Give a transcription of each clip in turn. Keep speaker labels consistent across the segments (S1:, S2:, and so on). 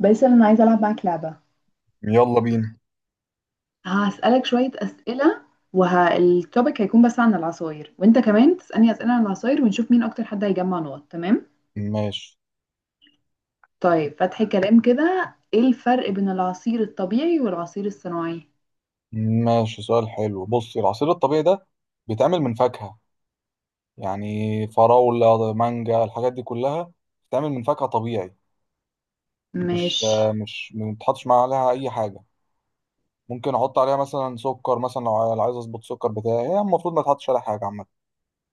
S1: باسل، انا عايزه العب معاك لعبه.
S2: يلا بينا.
S1: هسالك شويه اسئله. والتوبيك هيكون بس عن العصاير، وانت كمان تسالني اسئله عن العصاير، ونشوف مين اكتر حد هيجمع نقط. تمام؟
S2: ماشي.
S1: طيب، فتحي كلام كده، ايه الفرق بين العصير الطبيعي والعصير الصناعي؟
S2: ماشي، سؤال حلو. بص، العصير الطبيعي ده بيتعمل من فاكهة، يعني فراولة، مانجا، الحاجات دي كلها بتتعمل من فاكهة طبيعي.
S1: مش.
S2: مش ما بتحطش معاها عليها أي حاجة. ممكن أحط عليها مثلا سكر، مثلا لو عايز أظبط السكر بتاعي، هي المفروض ما تحطش عليها حاجة عامة.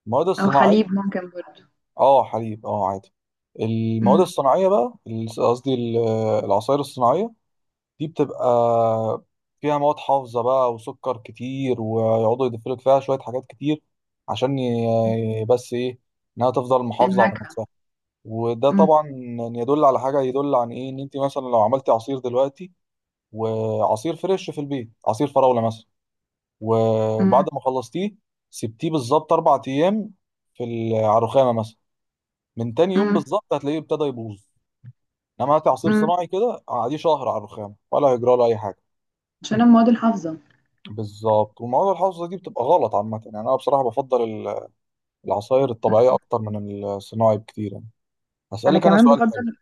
S2: المواد
S1: او
S2: الصناعية.
S1: حليب ممكن برضو.
S2: أه، حليب، أه عادي. المواد
S1: امم.
S2: الصناعية بقى العصائر الصناعية دي بتبقى فيها مواد حافظة بقى وسكر كتير، ويقعدوا يضيفوا لك فيها شوية حاجات كتير، عشان بس إيه، إنها تفضل محافظة على
S1: النكهه.
S2: نفسها. وده
S1: امم.
S2: طبعا يدل على حاجة، يدل عن إيه، إن أنت مثلا لو عملتي عصير دلوقتي، وعصير فريش في البيت، عصير فراولة مثلا، وبعد
S1: امم.
S2: ما خلصتيه، سبتيه بالظبط 4 أيام على الرخامة مثلا، من تاني يوم
S1: امم.
S2: بالظبط هتلاقيه ابتدى يبوظ. إنما هاتي عصير
S1: امم.
S2: صناعي كده، قعديه شهر على الرخامة، ولا هيجرى له أي حاجة.
S1: عشان أنا مواد الحافظه.
S2: بالظبط، والمواد الحافظة دي بتبقى غلط عامة، يعني أنا بصراحة بفضل العصاير الطبيعية
S1: مم.
S2: أكتر من الصناعي بكتير يعني.
S1: انا
S2: هسألك أنا
S1: كمان
S2: سؤال حلو.
S1: بفضل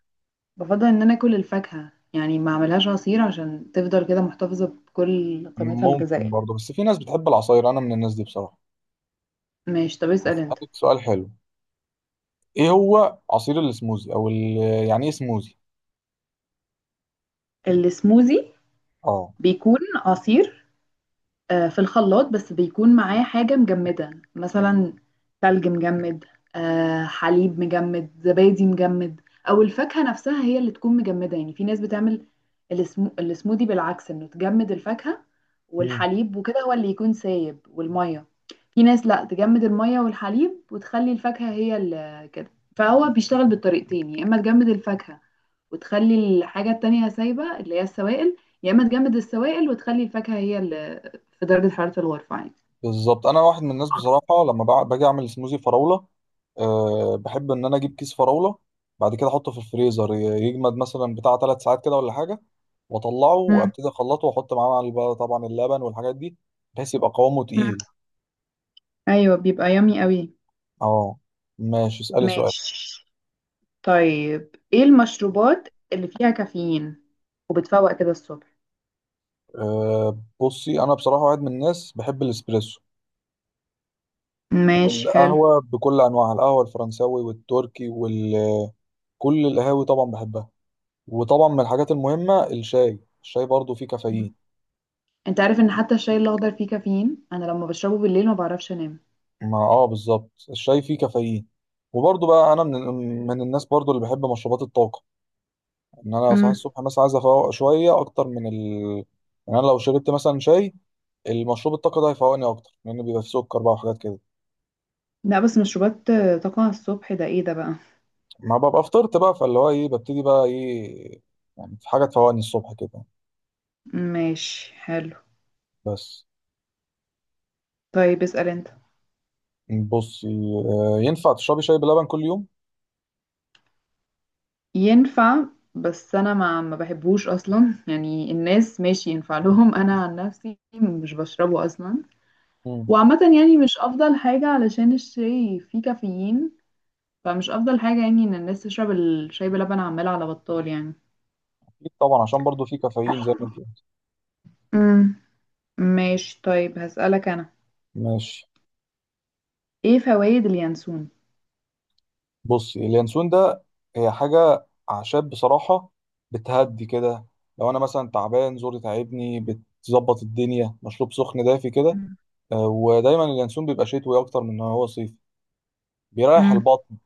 S1: بفضل ان انا اكل الفاكهه، يعني ما اعملهاش عصير عشان تفضل كده محتفظه بكل قيمتها
S2: ممكن
S1: الغذائيه.
S2: برضه، بس في ناس بتحب العصاير، أنا من الناس دي بصراحة.
S1: ماشي، طب اسال انت.
S2: هسألك سؤال حلو، إيه هو عصير السموزي؟ أو يعني إيه سموزي؟
S1: السموزي؟
S2: أه.
S1: بيكون عصير، في الخلاط بس بيكون معاه حاجة مجمدة مثلا. ثلج مجمد. حليب مجمد، زبادي مجمد. أو الفاكهة نفسها هي اللي تكون مجمدة. يعني في ناس بتعمل السموذي بالعكس إنه تجمد الفاكهة والحليب وكده، هو اللي يكون سايب والمية. في ناس لا، تجمد المية والحليب وتخلي الفاكهة هي اللي كده. فهو بيشتغل بالطريقتين، يا إما تجمد الفاكهة وتخلي الحاجة التانية سايبة اللي هي السوائل، يا اما تجمد السوائل وتخلي الفاكهة هي اللي في درجة حرارة الغرفة عادي.
S2: بالظبط، انا واحد من الناس بصراحه، لما باجي اعمل سموزي فراوله، أه بحب ان انا اجيب كيس فراوله، بعد كده احطه في الفريزر، يجمد مثلا بتاع 3 ساعات كده ولا حاجه، واطلعه
S1: مم.
S2: وابتدي اخلطه، واحط معاه بقى طبعا اللبن والحاجات دي، بحيث يبقى قوامه
S1: مم.
S2: تقيل.
S1: ايوه، بيبقى يامي قوي.
S2: اه. ماشي، اسالي سؤال.
S1: ماشي. طيب، ايه المشروبات اللي فيها كافيين وبتفوق كده الصبح؟
S2: أه، بصي، انا بصراحه واحد من الناس بحب الاسبريسو،
S1: ماشي، حلو.
S2: والقهوه بكل انواعها، القهوه الفرنساوي والتركي، وكل القهاوي طبعا بحبها. وطبعا من الحاجات المهمه الشاي برضو فيه كافيين.
S1: انت عارف ان حتى الشاي الاخضر فيه كافيين؟ انا لما بشربه بالليل ما بعرفش انام.
S2: ما بالظبط، الشاي فيه كافيين. وبرضه بقى انا من الناس برضه اللي بحب مشروبات الطاقه، ان انا لو صحيت
S1: مم.
S2: الصبح مثلا عايز افوق شويه اكتر من ال يعني انا لو شربت مثلا شاي، المشروب الطاقه ده هيفوقني اكتر، لان بيبقى فيه سكر بقى وحاجات كده،
S1: لا، بس مشروبات طاقة الصبح ده ايه ده بقى؟
S2: ما ببقى فطرت بقى، فاللي هو ايه، ببتدي بقى ايه، يعني في حاجه تفوقني الصبح كده.
S1: ماشي، حلو.
S2: بس.
S1: طيب، اسأل انت.
S2: بصي، ينفع تشربي شاي بلبن كل يوم؟
S1: ينفع. بس انا ما بحبهوش اصلا، يعني الناس ماشي ينفع لهم انا عن نفسي مش بشربه اصلا.
S2: مم.
S1: وعامة يعني مش افضل حاجة، علشان الشاي فيه كافيين. فمش افضل حاجة يعني، ان الناس تشرب الشاي بلبن عمال على بطال يعني.
S2: اكيد طبعا، عشان برضه فيه كافيين زي ما انت قلت.
S1: امم. ماشي. طيب، هسألك انا،
S2: ماشي.
S1: ايه فوائد اليانسون؟
S2: بص، اليانسون ده هي حاجة أعشاب بصراحة، بتهدي كده. لو أنا مثلا تعبان زوري تعبني بتظبط الدنيا، مشروب سخن دافي كده.
S1: مم.
S2: ودايما اليانسون بيبقى شتوي أكتر من إن هو صيفي، بيريح
S1: مم.
S2: البطن.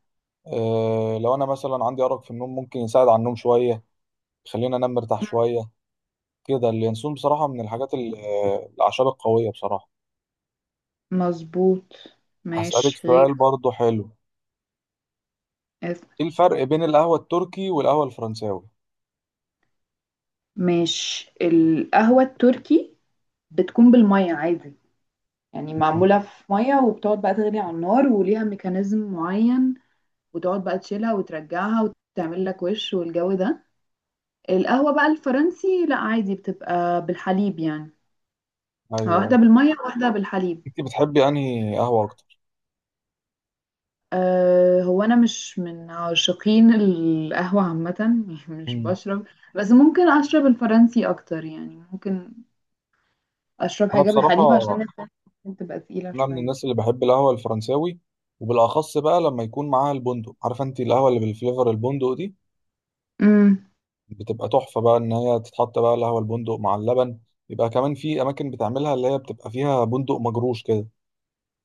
S2: لو أنا مثلا عندي أرق في النوم ممكن يساعد على النوم شوية، يخليني أنام مرتاح شوية. كده اليانسون بصراحة من الحاجات الأعشاب القوية بصراحة.
S1: مظبوط.
S2: هسألك
S1: ماشي،
S2: سؤال
S1: غير.
S2: برضو حلو،
S1: اسم.
S2: إيه الفرق بين القهوة التركي والقهوة الفرنساوي؟
S1: ماشي، القهوة التركي بتكون بالمية عادي، يعني معمولة في مية، وبتقعد بقى تغلي على النار وليها ميكانيزم معين، وتقعد بقى تشيلها وترجعها وتعمل لك وش والجو ده. القهوة بقى الفرنسي لا، عادي بتبقى بالحليب يعني.
S2: أيوه، أيوه.
S1: واحدة بالمية، واحدة بالحليب.
S2: أنت بتحبي أنهي قهوة أكتر؟
S1: أه، هو أنا مش من عاشقين القهوة عامة، يعني مش
S2: مم.
S1: بشرب. بس ممكن أشرب الفرنسي أكتر، يعني ممكن أشرب
S2: انا
S1: حاجة
S2: بصراحه
S1: بالحليب، عشان الحليب ممكن تبقى تقيلة
S2: انا من
S1: شوية.
S2: الناس اللي بحب القهوه الفرنساوي، وبالاخص بقى لما يكون معاها البندق، عارفه انت القهوه اللي بالفليفر البندق دي،
S1: امم.
S2: بتبقى تحفه بقى ان هي تتحط بقى القهوه البندق مع اللبن، يبقى كمان في اماكن بتعملها اللي هي بتبقى فيها بندق مجروش كده،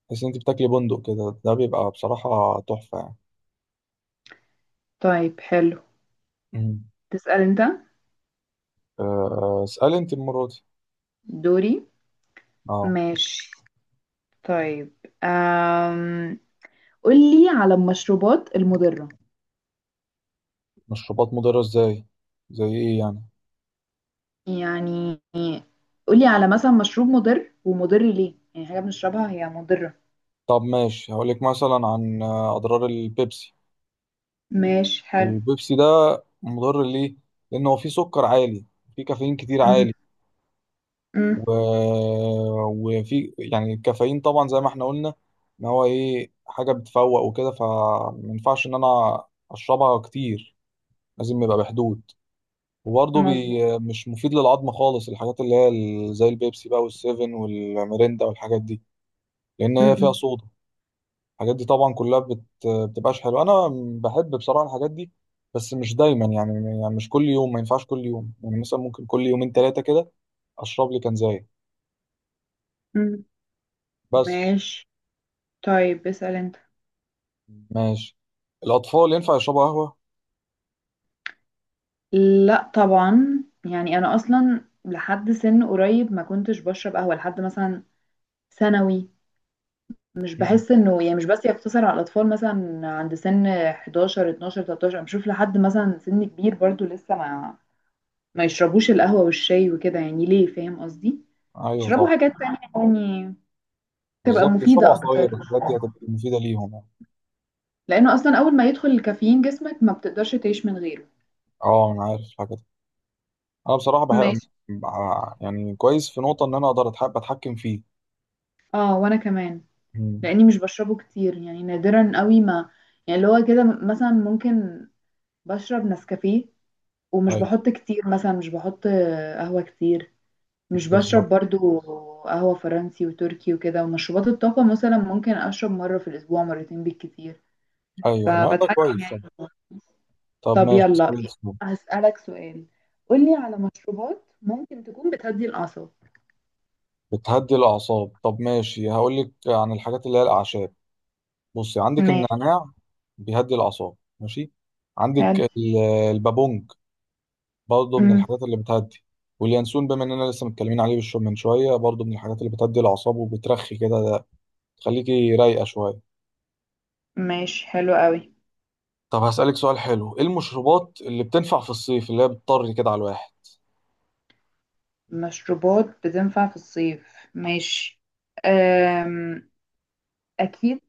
S2: تحس ان انت بتاكلي بندق كده، ده بيبقى بصراحه تحفه يعني.
S1: طيب، حلو.
S2: مم.
S1: تسأل أنت.
S2: أه، اسالي انت المره دي.
S1: دوري.
S2: اه.
S1: ماشي. طيب، أم... قولي على المشروبات المضرة.
S2: مشروبات مضره ازاي؟ زي ايه يعني؟
S1: يعني قولي على مثلا مشروب مضر، ومضر ليه، يعني حاجة بنشربها هي مضرة.
S2: طب ماشي، هقولك مثلا عن اضرار البيبسي.
S1: ماشي، حلو.
S2: البيبسي ده مضر ليه؟ لأن هو فيه سكر عالي، فيه كافيين كتير عالي،
S1: م- م.
S2: و... وفي يعني الكافيين طبعا زي ما احنا قلنا إن هو إيه، حاجة بتفوق وكده، فمينفعش إن أنا أشربها كتير، لازم يبقى بحدود، وبرضه
S1: مظبوط.
S2: مش مفيد للعظم خالص، الحاجات اللي هي زي البيبسي بقى والسيفن والميريندا والحاجات دي، لأن
S1: م-
S2: هي فيها
S1: م.
S2: صودا. الحاجات دي طبعا كلها بتبقاش حلوه. انا بحب بصراحه الحاجات دي، بس مش دايما يعني، يعني مش كل يوم، ما ينفعش كل يوم، يعني مثلا ممكن كل يومين 3 كده اشرب لي كنزايه
S1: م.
S2: بس.
S1: ماشي. طيب، اسأل انت.
S2: ماشي. الاطفال ينفع يشربوا قهوه؟
S1: لا طبعا، يعني انا اصلا لحد سن قريب ما كنتش بشرب قهوة لحد مثلا ثانوي. مش
S2: مم.
S1: باحس إنه، يعني مش بس يقتصر على الأطفال مثلًا عند سِن 11، 12، 13، أنا باشوف لحد مثلًا سِن كبير برضه لسه ما يشربوش القهوة والشاي وكده يعني ليه، فاهم قصدي؟
S2: ايوه
S1: يشربوا
S2: طبعا.
S1: حاجات تانية، يعني تبقى
S2: بالظبط، يشربوا
S1: مفيدة أكتر،
S2: عصاير، الحاجات دي هتبقى مفيده ليهم يعني.
S1: لإنه أصلًا أول ما يدخل الكافيين جسمك ما بتقدرش تعيش من غيره.
S2: اه انا عارف الحاجه دي، انا بصراحه بحب،
S1: ماشي.
S2: يعني كويس في نقطه ان انا اقدر اتحكم فيه.
S1: وأنا كمان،
S2: مم.
S1: لإني مش باشربه كتير، يعني نادرًا أوي ما يعني اللي هو كده، مثلًا ممكن باشرب نسكافيه، ومش
S2: ايوه،
S1: باحُط كتير مثلًا، مش باحُط قهوة كتير. مش
S2: بالظبط.
S1: بشرب برضو قهوة فرنسي وتركي وكده، ومشروبات الطاقة مثلا ممكن أشرب مرة في الأسبوع، مرتين بالكتير.
S2: ايوه، لا ده
S1: فبتحكم
S2: كويس.
S1: يعني.
S2: طب. طب
S1: طب
S2: ماشي.
S1: يلا، هسألك سؤال، قولي على مشروبات ممكن تكون بتهدي الأعصاب.
S2: بتهدي الأعصاب؟ طب ماشي، هقول لك عن الحاجات اللي هي الأعشاب. بصي، عندك
S1: ماشي،
S2: النعناع، بيهدي الأعصاب، ماشي، عندك
S1: حلو.
S2: البابونج برضه من
S1: امم.
S2: الحاجات اللي بتهدي، واليانسون بما إننا لسه متكلمين عليه بالشو من شوية برضه من الحاجات اللي بتهدي الأعصاب وبترخي كده، تخليكي رايقة شوية.
S1: ماشي، حلو قوي.
S2: طب هسألك سؤال حلو، إيه المشروبات اللي بتنفع في الصيف، اللي هي بتطري كده على الواحد؟
S1: مشروبات بتنفع في الصيف، ماشي. أم... اكيد،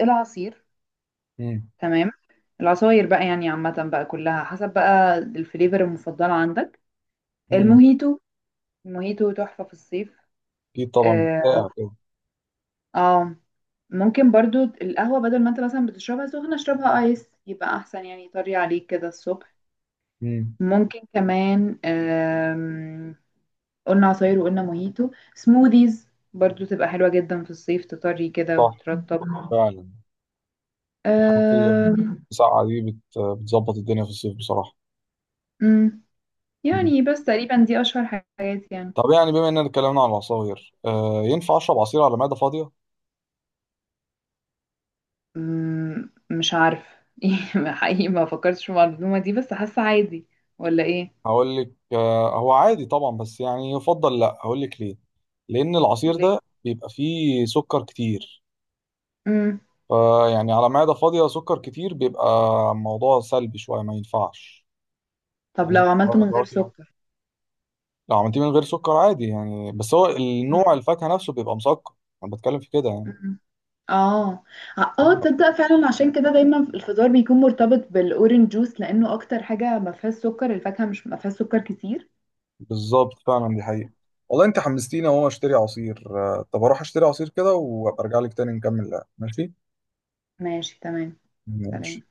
S1: العصير.
S2: امم
S1: تمام. العصاير بقى يعني عامة بقى كلها حسب بقى الفليفر المفضلة عندك.
S2: امم
S1: الموهيتو، موهيتو تحفة في الصيف.
S2: أكيد طبعا
S1: اه.
S2: بتسقع كده.
S1: آه. ممكن برضو القهوة، بدل ما انت مثلا بتشربها سخنة اشربها ايس، يبقى احسن يعني، طري عليك كده الصبح.
S2: امم
S1: ممكن كمان، قلنا عصاير وقلنا موهيتو، سموذيز برضو تبقى حلوة جدا في الصيف، تطري كده
S2: صح،
S1: وترطب.
S2: فعلا الحاجات اللي
S1: آم،
S2: بتسقع دي بتظبط الدنيا في الصيف بصراحة.
S1: مم،
S2: مم.
S1: يعني بس تقريبا دي اشهر حاجات يعني.
S2: طب يعني بما اننا اتكلمنا عن العصاير، ينفع اشرب عصير على معده فاضيه؟
S1: مم، مش عارف. حقيقي ما فكرتش في المعلومة دي، بس حاسة عادي، ولا ايه؟
S2: هقول لك، هو عادي طبعا بس يعني يفضل لا، هقول لك ليه، لان العصير ده
S1: ليه؟
S2: بيبقى فيه سكر كتير،
S1: مم.
S2: فيعني على معده فاضيه سكر كتير بيبقى موضوع سلبي شويه، ما ينفعش.
S1: طب
S2: لازم
S1: لو عملته من غير
S2: فواكه.
S1: سكر؟
S2: لو عملتيه من غير سكر عادي يعني، بس هو النوع
S1: مم.
S2: الفاكهه نفسه بيبقى مسكر، انا بتكلم في كده يعني.
S1: مم. اه. اه، تصدق فعلا عشان كده دايما الفطار بيكون مرتبط بالاورنج جوس، لانه اكتر حاجه ما فيهاش سكر. الفاكهه مش ما فيهاش سكر كتير.
S2: بالظبط، فعلا دي حقيقة. والله انت حمستيني اهو اشتري عصير. طب اروح اشتري عصير كده وابقى ارجع لك تاني نكمل لعب، ماشي؟
S1: ماشي، تمام.
S2: ماشي.
S1: سلام.